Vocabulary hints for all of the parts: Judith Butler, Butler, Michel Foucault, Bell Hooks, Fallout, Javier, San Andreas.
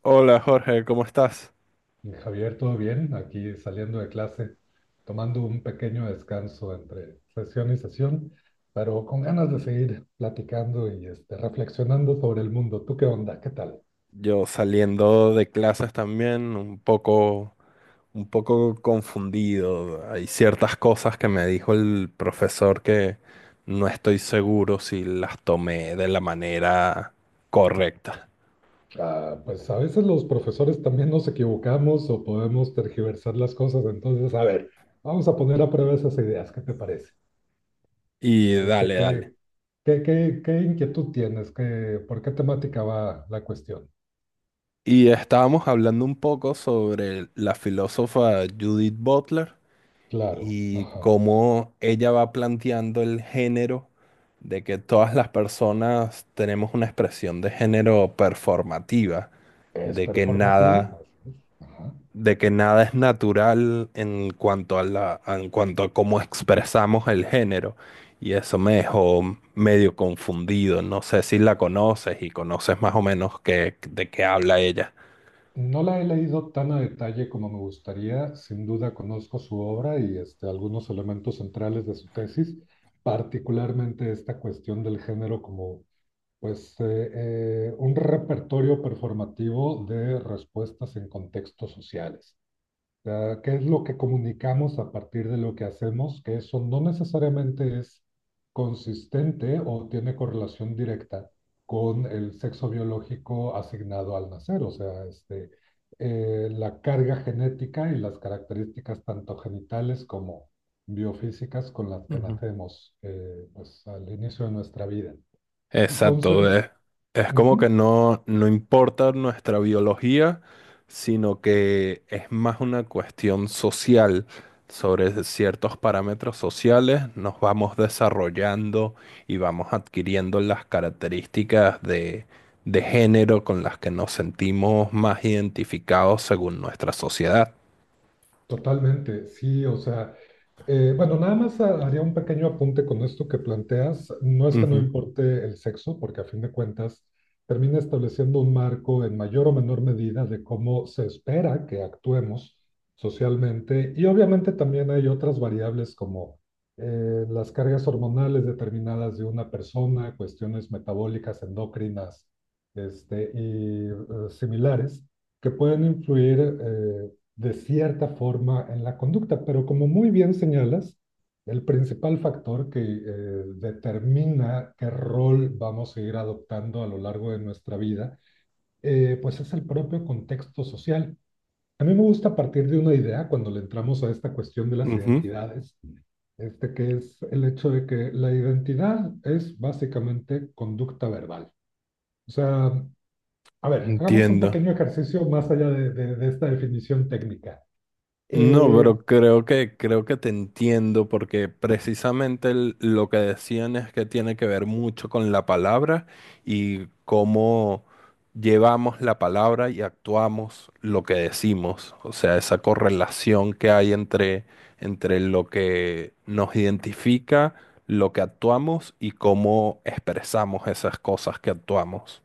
Hola Jorge, ¿cómo estás? Javier, ¿todo bien? Aquí saliendo de clase, tomando un pequeño descanso entre sesión y sesión, pero con ganas de seguir platicando y reflexionando sobre el mundo. ¿Tú qué onda? ¿Qué tal? Yo saliendo de clases también, un poco confundido. Hay ciertas cosas que me dijo el profesor que no estoy seguro si las tomé de la manera correcta. Ah, pues a veces los profesores también nos equivocamos o podemos tergiversar las cosas, entonces, a ver, vamos a poner a prueba esas ideas. ¿Qué te parece? Y Este, dale, dale. ¿qué, qué inquietud tienes? ¿Qué, por qué temática va la cuestión? Y estábamos hablando un poco sobre la filósofa Judith Butler. Claro, Y ajá. cómo ella va planteando el género de que todas las personas tenemos una expresión de género performativa, ¿Es de que performativo? nada, Así es. Ajá. de que nada es natural en cuanto a en cuanto a cómo expresamos el género. Y eso me dejó medio confundido. No sé si la conoces y conoces más o menos de qué habla ella. No la he leído tan a detalle como me gustaría. Sin duda conozco su obra y algunos elementos centrales de su tesis, particularmente esta cuestión del género como pues, un repertorio performativo de respuestas en contextos sociales sea, qué es lo que comunicamos a partir de lo que hacemos, que eso no necesariamente es consistente o tiene correlación directa con el sexo biológico asignado al nacer, o sea, la carga genética y las características tanto genitales como biofísicas con las que nacemos pues, al inicio de nuestra vida. Exacto, Entonces, es como ujú, que no importa nuestra biología, sino que es más una cuestión social. Sobre ciertos parámetros sociales nos vamos desarrollando y vamos adquiriendo las características de género con las que nos sentimos más identificados según nuestra sociedad. totalmente, sí, o sea. Bueno, nada más haría un pequeño apunte con esto que planteas. No es que no Ujú, importe el sexo, porque a fin de cuentas termina estableciendo un marco en mayor o menor medida de cómo se espera que actuemos socialmente. Y obviamente también hay otras variables como las cargas hormonales determinadas de una persona, cuestiones metabólicas, endocrinas, este, y eh, similares, que pueden influir de cierta forma en la conducta, pero como muy bien señalas, el principal factor que determina qué rol vamos a ir adoptando a lo largo de nuestra vida, pues es el propio contexto social. A mí me gusta partir de una idea cuando le entramos a esta cuestión de las ujú, identidades, que es el hecho de que la identidad es básicamente conducta verbal. O sea, a ver, hagamos un entiendo. pequeño ejercicio más allá de esta definición técnica. No, pero Eh, creo que te entiendo porque precisamente lo que decían es que tiene que ver mucho con la palabra y cómo llevamos la palabra y actuamos lo que decimos, o sea, esa correlación que hay entre lo que nos identifica, lo que actuamos y cómo expresamos esas cosas que actuamos.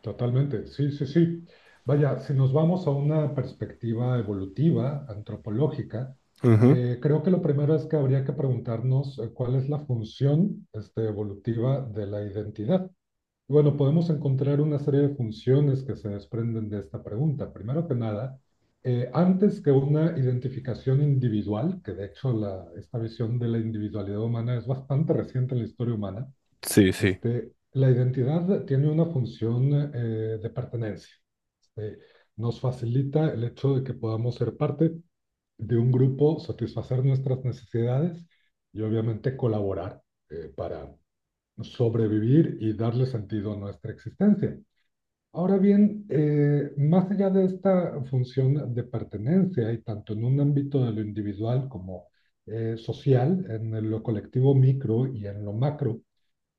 Totalmente, sí, sí, sí. Vaya, si nos vamos a una perspectiva evolutiva, antropológica, Ujú. Creo que lo primero es que habría que preguntarnos cuál es la función evolutiva de la identidad. Y bueno, podemos encontrar una serie de funciones que se desprenden de esta pregunta. Primero que nada, antes que una identificación individual, que de hecho esta visión de la individualidad humana es bastante reciente en la historia humana, Sí, sí. La identidad tiene una función de pertenencia. Este, nos facilita el hecho de que podamos ser parte de un grupo, satisfacer nuestras necesidades y obviamente colaborar para sobrevivir y darle sentido a nuestra existencia. Ahora bien, más allá de esta función de pertenencia y tanto en un ámbito de lo individual como social, en lo colectivo micro y en lo macro,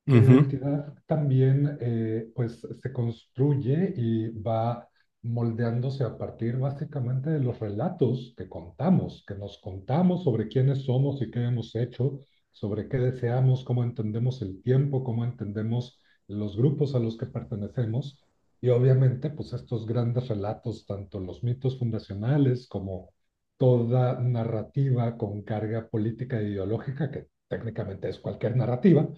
la Ujú. identidad también pues se construye y va moldeándose a partir básicamente de los relatos que contamos, que nos contamos sobre quiénes somos y qué hemos hecho, sobre qué deseamos, cómo entendemos el tiempo, cómo entendemos los grupos a los que pertenecemos. Y obviamente pues estos grandes relatos, tanto los mitos fundacionales como toda narrativa con carga política e ideológica, que técnicamente es cualquier narrativa,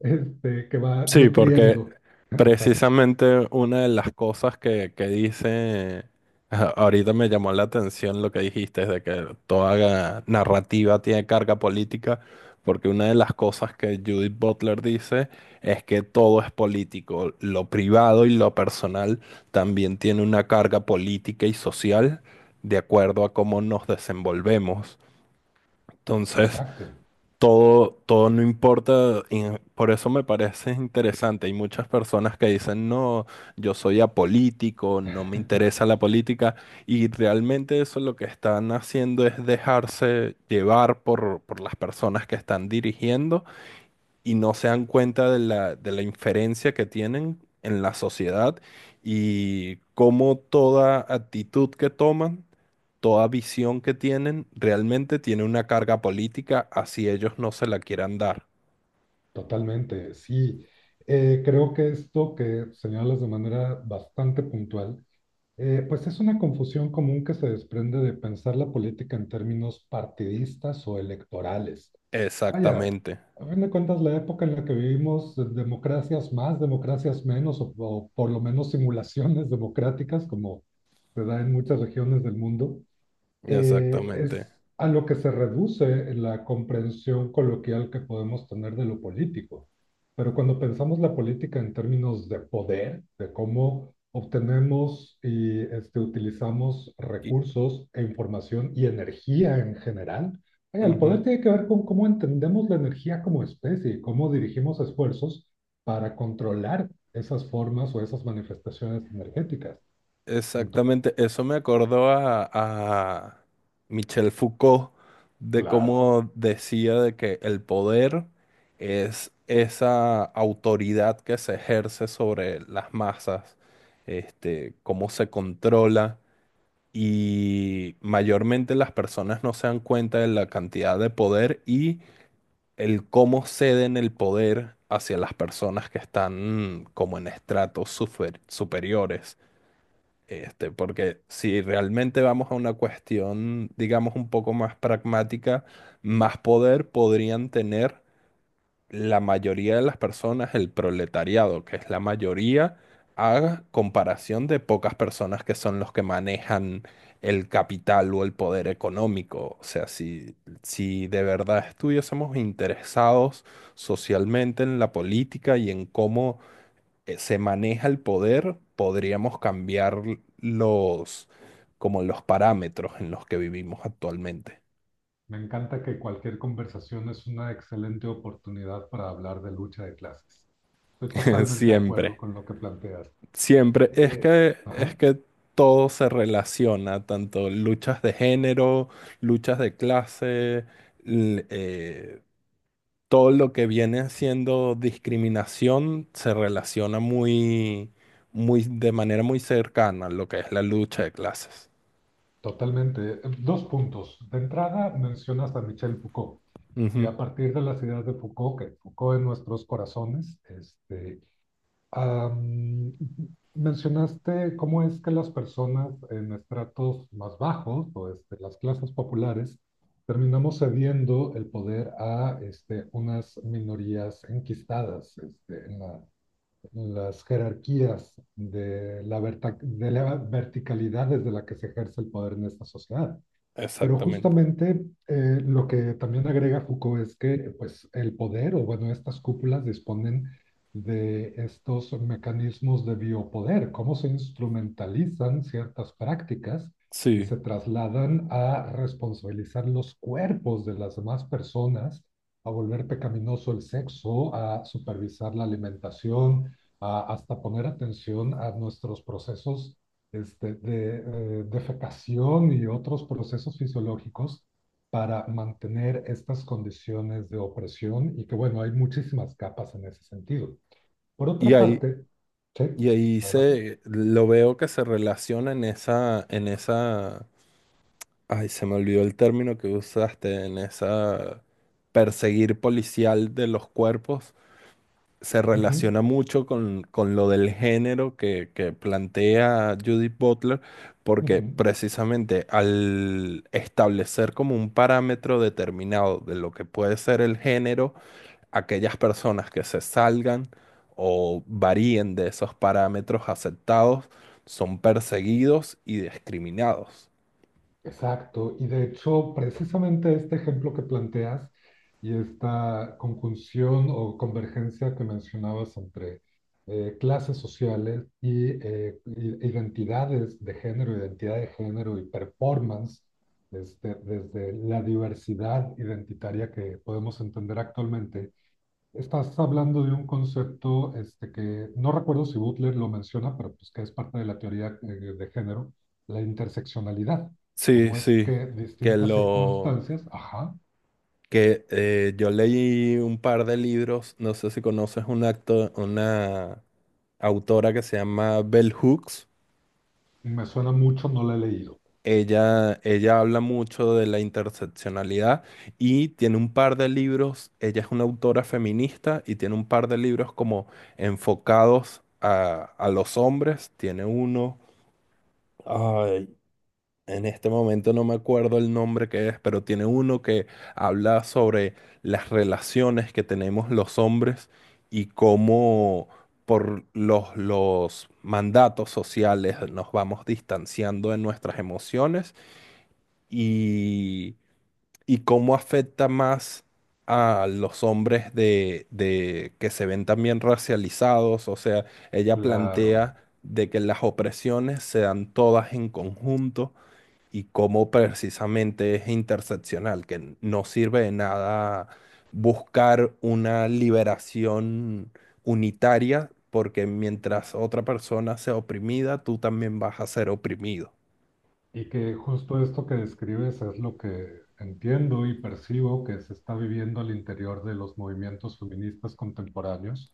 que va Sí, porque nutriendo. Exacto, precisamente una de las cosas que dice, ahorita me llamó la atención lo que dijiste, de que toda narrativa tiene carga política, porque una de las cosas que Judith Butler dice es que todo es político, lo privado y lo personal también tiene una carga política y social de acuerdo a cómo nos desenvolvemos. Entonces, exacto. Todo no importa, y por eso me parece interesante. Hay muchas personas que dicen, no, yo soy apolítico, no me interesa la política, y realmente eso lo que están haciendo es dejarse llevar por las personas que están dirigiendo y no se dan cuenta de de la inferencia que tienen en la sociedad y cómo toda actitud que toman toda visión que tienen realmente tiene una carga política, así ellos no se la quieran dar. totalmente, sí. Creo que esto que señalas de manera bastante puntual, pues es una confusión común que se desprende de pensar la política en términos partidistas o electorales. Vaya, Exactamente, a fin de cuentas, la época en la que vivimos, democracias más, democracias menos, o por lo menos simulaciones democráticas, como se da en muchas regiones del mundo, exactamente. es a lo que se reduce la comprensión coloquial que podemos tener de lo político. Pero cuando pensamos la política en términos de poder, de cómo obtenemos y utilizamos Y, recursos e información y energía en general, vaya, el ujú, poder tiene que ver con cómo entendemos la energía como especie y cómo dirigimos esfuerzos para controlar esas formas o esas manifestaciones energéticas. Entonces, exactamente, eso me acordó a Michel Foucault de claro, cómo decía de que el poder es esa autoridad que se ejerce sobre las masas, este, cómo se controla y mayormente las personas no se dan cuenta de la cantidad de poder y el cómo ceden el poder hacia las personas que están mm, como en estratos superiores. Este, porque si realmente vamos a una cuestión, digamos, un poco más pragmática, más poder podrían tener la mayoría de las personas, el proletariado, que es la mayoría, a comparación de pocas personas que son los que manejan el capital o el poder económico. O sea, si de verdad estuviésemos interesados socialmente en la política y en cómo se maneja el poder, podríamos cambiar los, como los parámetros en los que vivimos actualmente. me encanta que cualquier conversación es una excelente oportunidad para hablar de lucha de clases. Estoy totalmente de acuerdo Siempre. con lo que planteas. Siempre, Eh, es ajá, que todo se relaciona, tanto luchas de género, luchas de clase, l- eh, todo lo que viene siendo discriminación se relaciona de manera muy cercana a lo que es la lucha de clases. totalmente. Dos puntos. De entrada, mencionas a Michel Foucault. Y Ujú, a partir de las ideas de Foucault, que Foucault en nuestros corazones, Am, mencionaste cómo es que las personas en estratos más bajos o las clases populares terminamos cediendo el poder a unas minorías enquistadas en en las jerarquías de de la verticalidad desde la que se ejerce el poder en esta sociedad. Pero exactamente. justamente lo que también agrega Foucault es que pues, el poder, o bueno, estas cúpulas disponen de estos mecanismos de biopoder, cómo se instrumentalizan ciertas prácticas y Sí. se trasladan a responsabilizar los cuerpos de las demás personas, a volver pecaminoso el sexo, a supervisar la alimentación, a hasta poner atención a nuestros procesos este, de defecación y otros procesos fisiológicos para mantener estas condiciones de opresión y que, bueno, hay muchísimas capas en ese sentido. Por Y otra ahí, parte, sí, y ahí adelante. se lo veo que se relaciona en esa, en esa. Ay, se me olvidó el término que usaste en esa perseguir policial de los cuerpos. Se Ujú, relaciona mucho con lo del género que plantea Judith Butler, porque ujú. precisamente al establecer como un parámetro determinado de lo que puede ser el género, aquellas personas que se salgan o varíen de esos parámetros aceptados son perseguidos y discriminados. Exacto, y de hecho, precisamente este ejemplo que planteas y esta conjunción o convergencia que mencionabas entre clases sociales y identidades de género, identidad de género y performance, desde la diversidad identitaria que podemos entender actualmente, estás hablando de un concepto que no recuerdo si Butler lo menciona, pero pues que es parte de la teoría de género, la interseccionalidad. Sí, Cómo es sí, que que distintas lo circunstancias, ajá, que yo leí un par de libros, no sé si conoces un acto, una autora que se llama Bell Hooks. me suena mucho, no la he leído. Ella habla mucho de la interseccionalidad y tiene un par de libros, ella es una autora feminista y tiene un par de libros como enfocados a los hombres, tiene uno. En este momento no me acuerdo el nombre que es, pero tiene uno que habla sobre las relaciones que tenemos los hombres y cómo por los mandatos sociales nos vamos distanciando de nuestras emociones y, y cómo afecta más a los hombres de que se ven también racializados. O sea, ella Claro. plantea de que las opresiones se dan todas en conjunto y cómo precisamente es interseccional, que no sirve de nada buscar una liberación unitaria, porque mientras otra persona sea oprimida, tú también vas a ser oprimido. Y que justo esto que describes es lo que entiendo y percibo que se está viviendo al interior de los movimientos feministas contemporáneos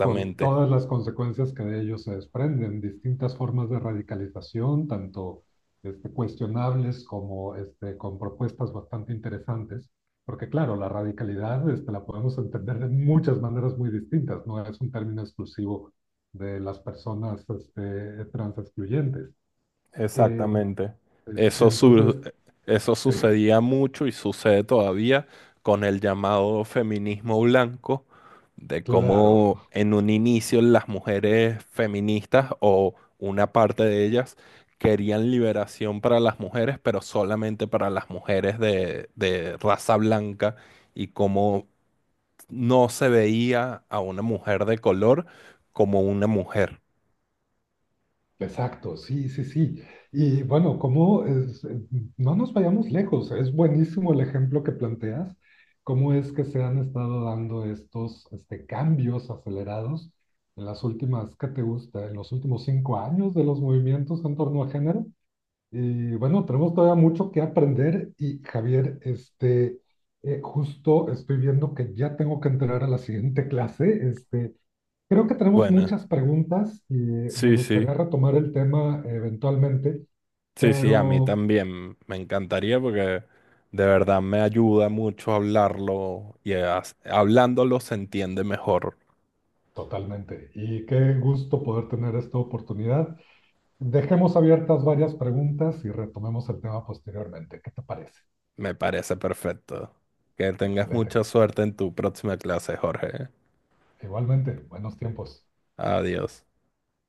con todas las consecuencias que de ello se desprenden, distintas formas de radicalización, tanto cuestionables como con propuestas bastante interesantes, porque claro, la radicalidad la podemos entender de muchas maneras muy distintas, no es un término exclusivo de las personas trans excluyentes. Eh, Exactamente. es Eso, entonces, eso eh, sucedía mucho y sucede todavía con el llamado feminismo blanco, de claro, cómo en un inicio las mujeres feministas o una parte de ellas querían liberación para las mujeres, pero solamente para las mujeres de raza blanca y cómo no se veía a una mujer de color como una mujer. exacto, sí, sí, sí. Y bueno, como no nos vayamos lejos, es buenísimo el ejemplo que planteas, cómo es que se han estado dando estos cambios acelerados en las últimas, ¿qué te gusta? En los últimos 5 años de los movimientos en torno a género. Y bueno, tenemos todavía mucho que aprender y Javier, justo estoy viendo que ya tengo que entrar a la siguiente clase, creo que tenemos Bueno, muchas preguntas y me sí, sí. gustaría retomar el tema eventualmente, Sí, sí, a mí pero también me encantaría porque de verdad me ayuda mucho hablarlo y hablándolo se entiende mejor. totalmente. Y qué gusto poder tener esta oportunidad. Dejemos abiertas varias preguntas y retomemos el tema posteriormente. ¿Qué te parece? Me parece perfecto. Que tengas Excelente, mucha Javier. suerte en tu próxima clase, Jorge. Igualmente, buenos tiempos. Adiós.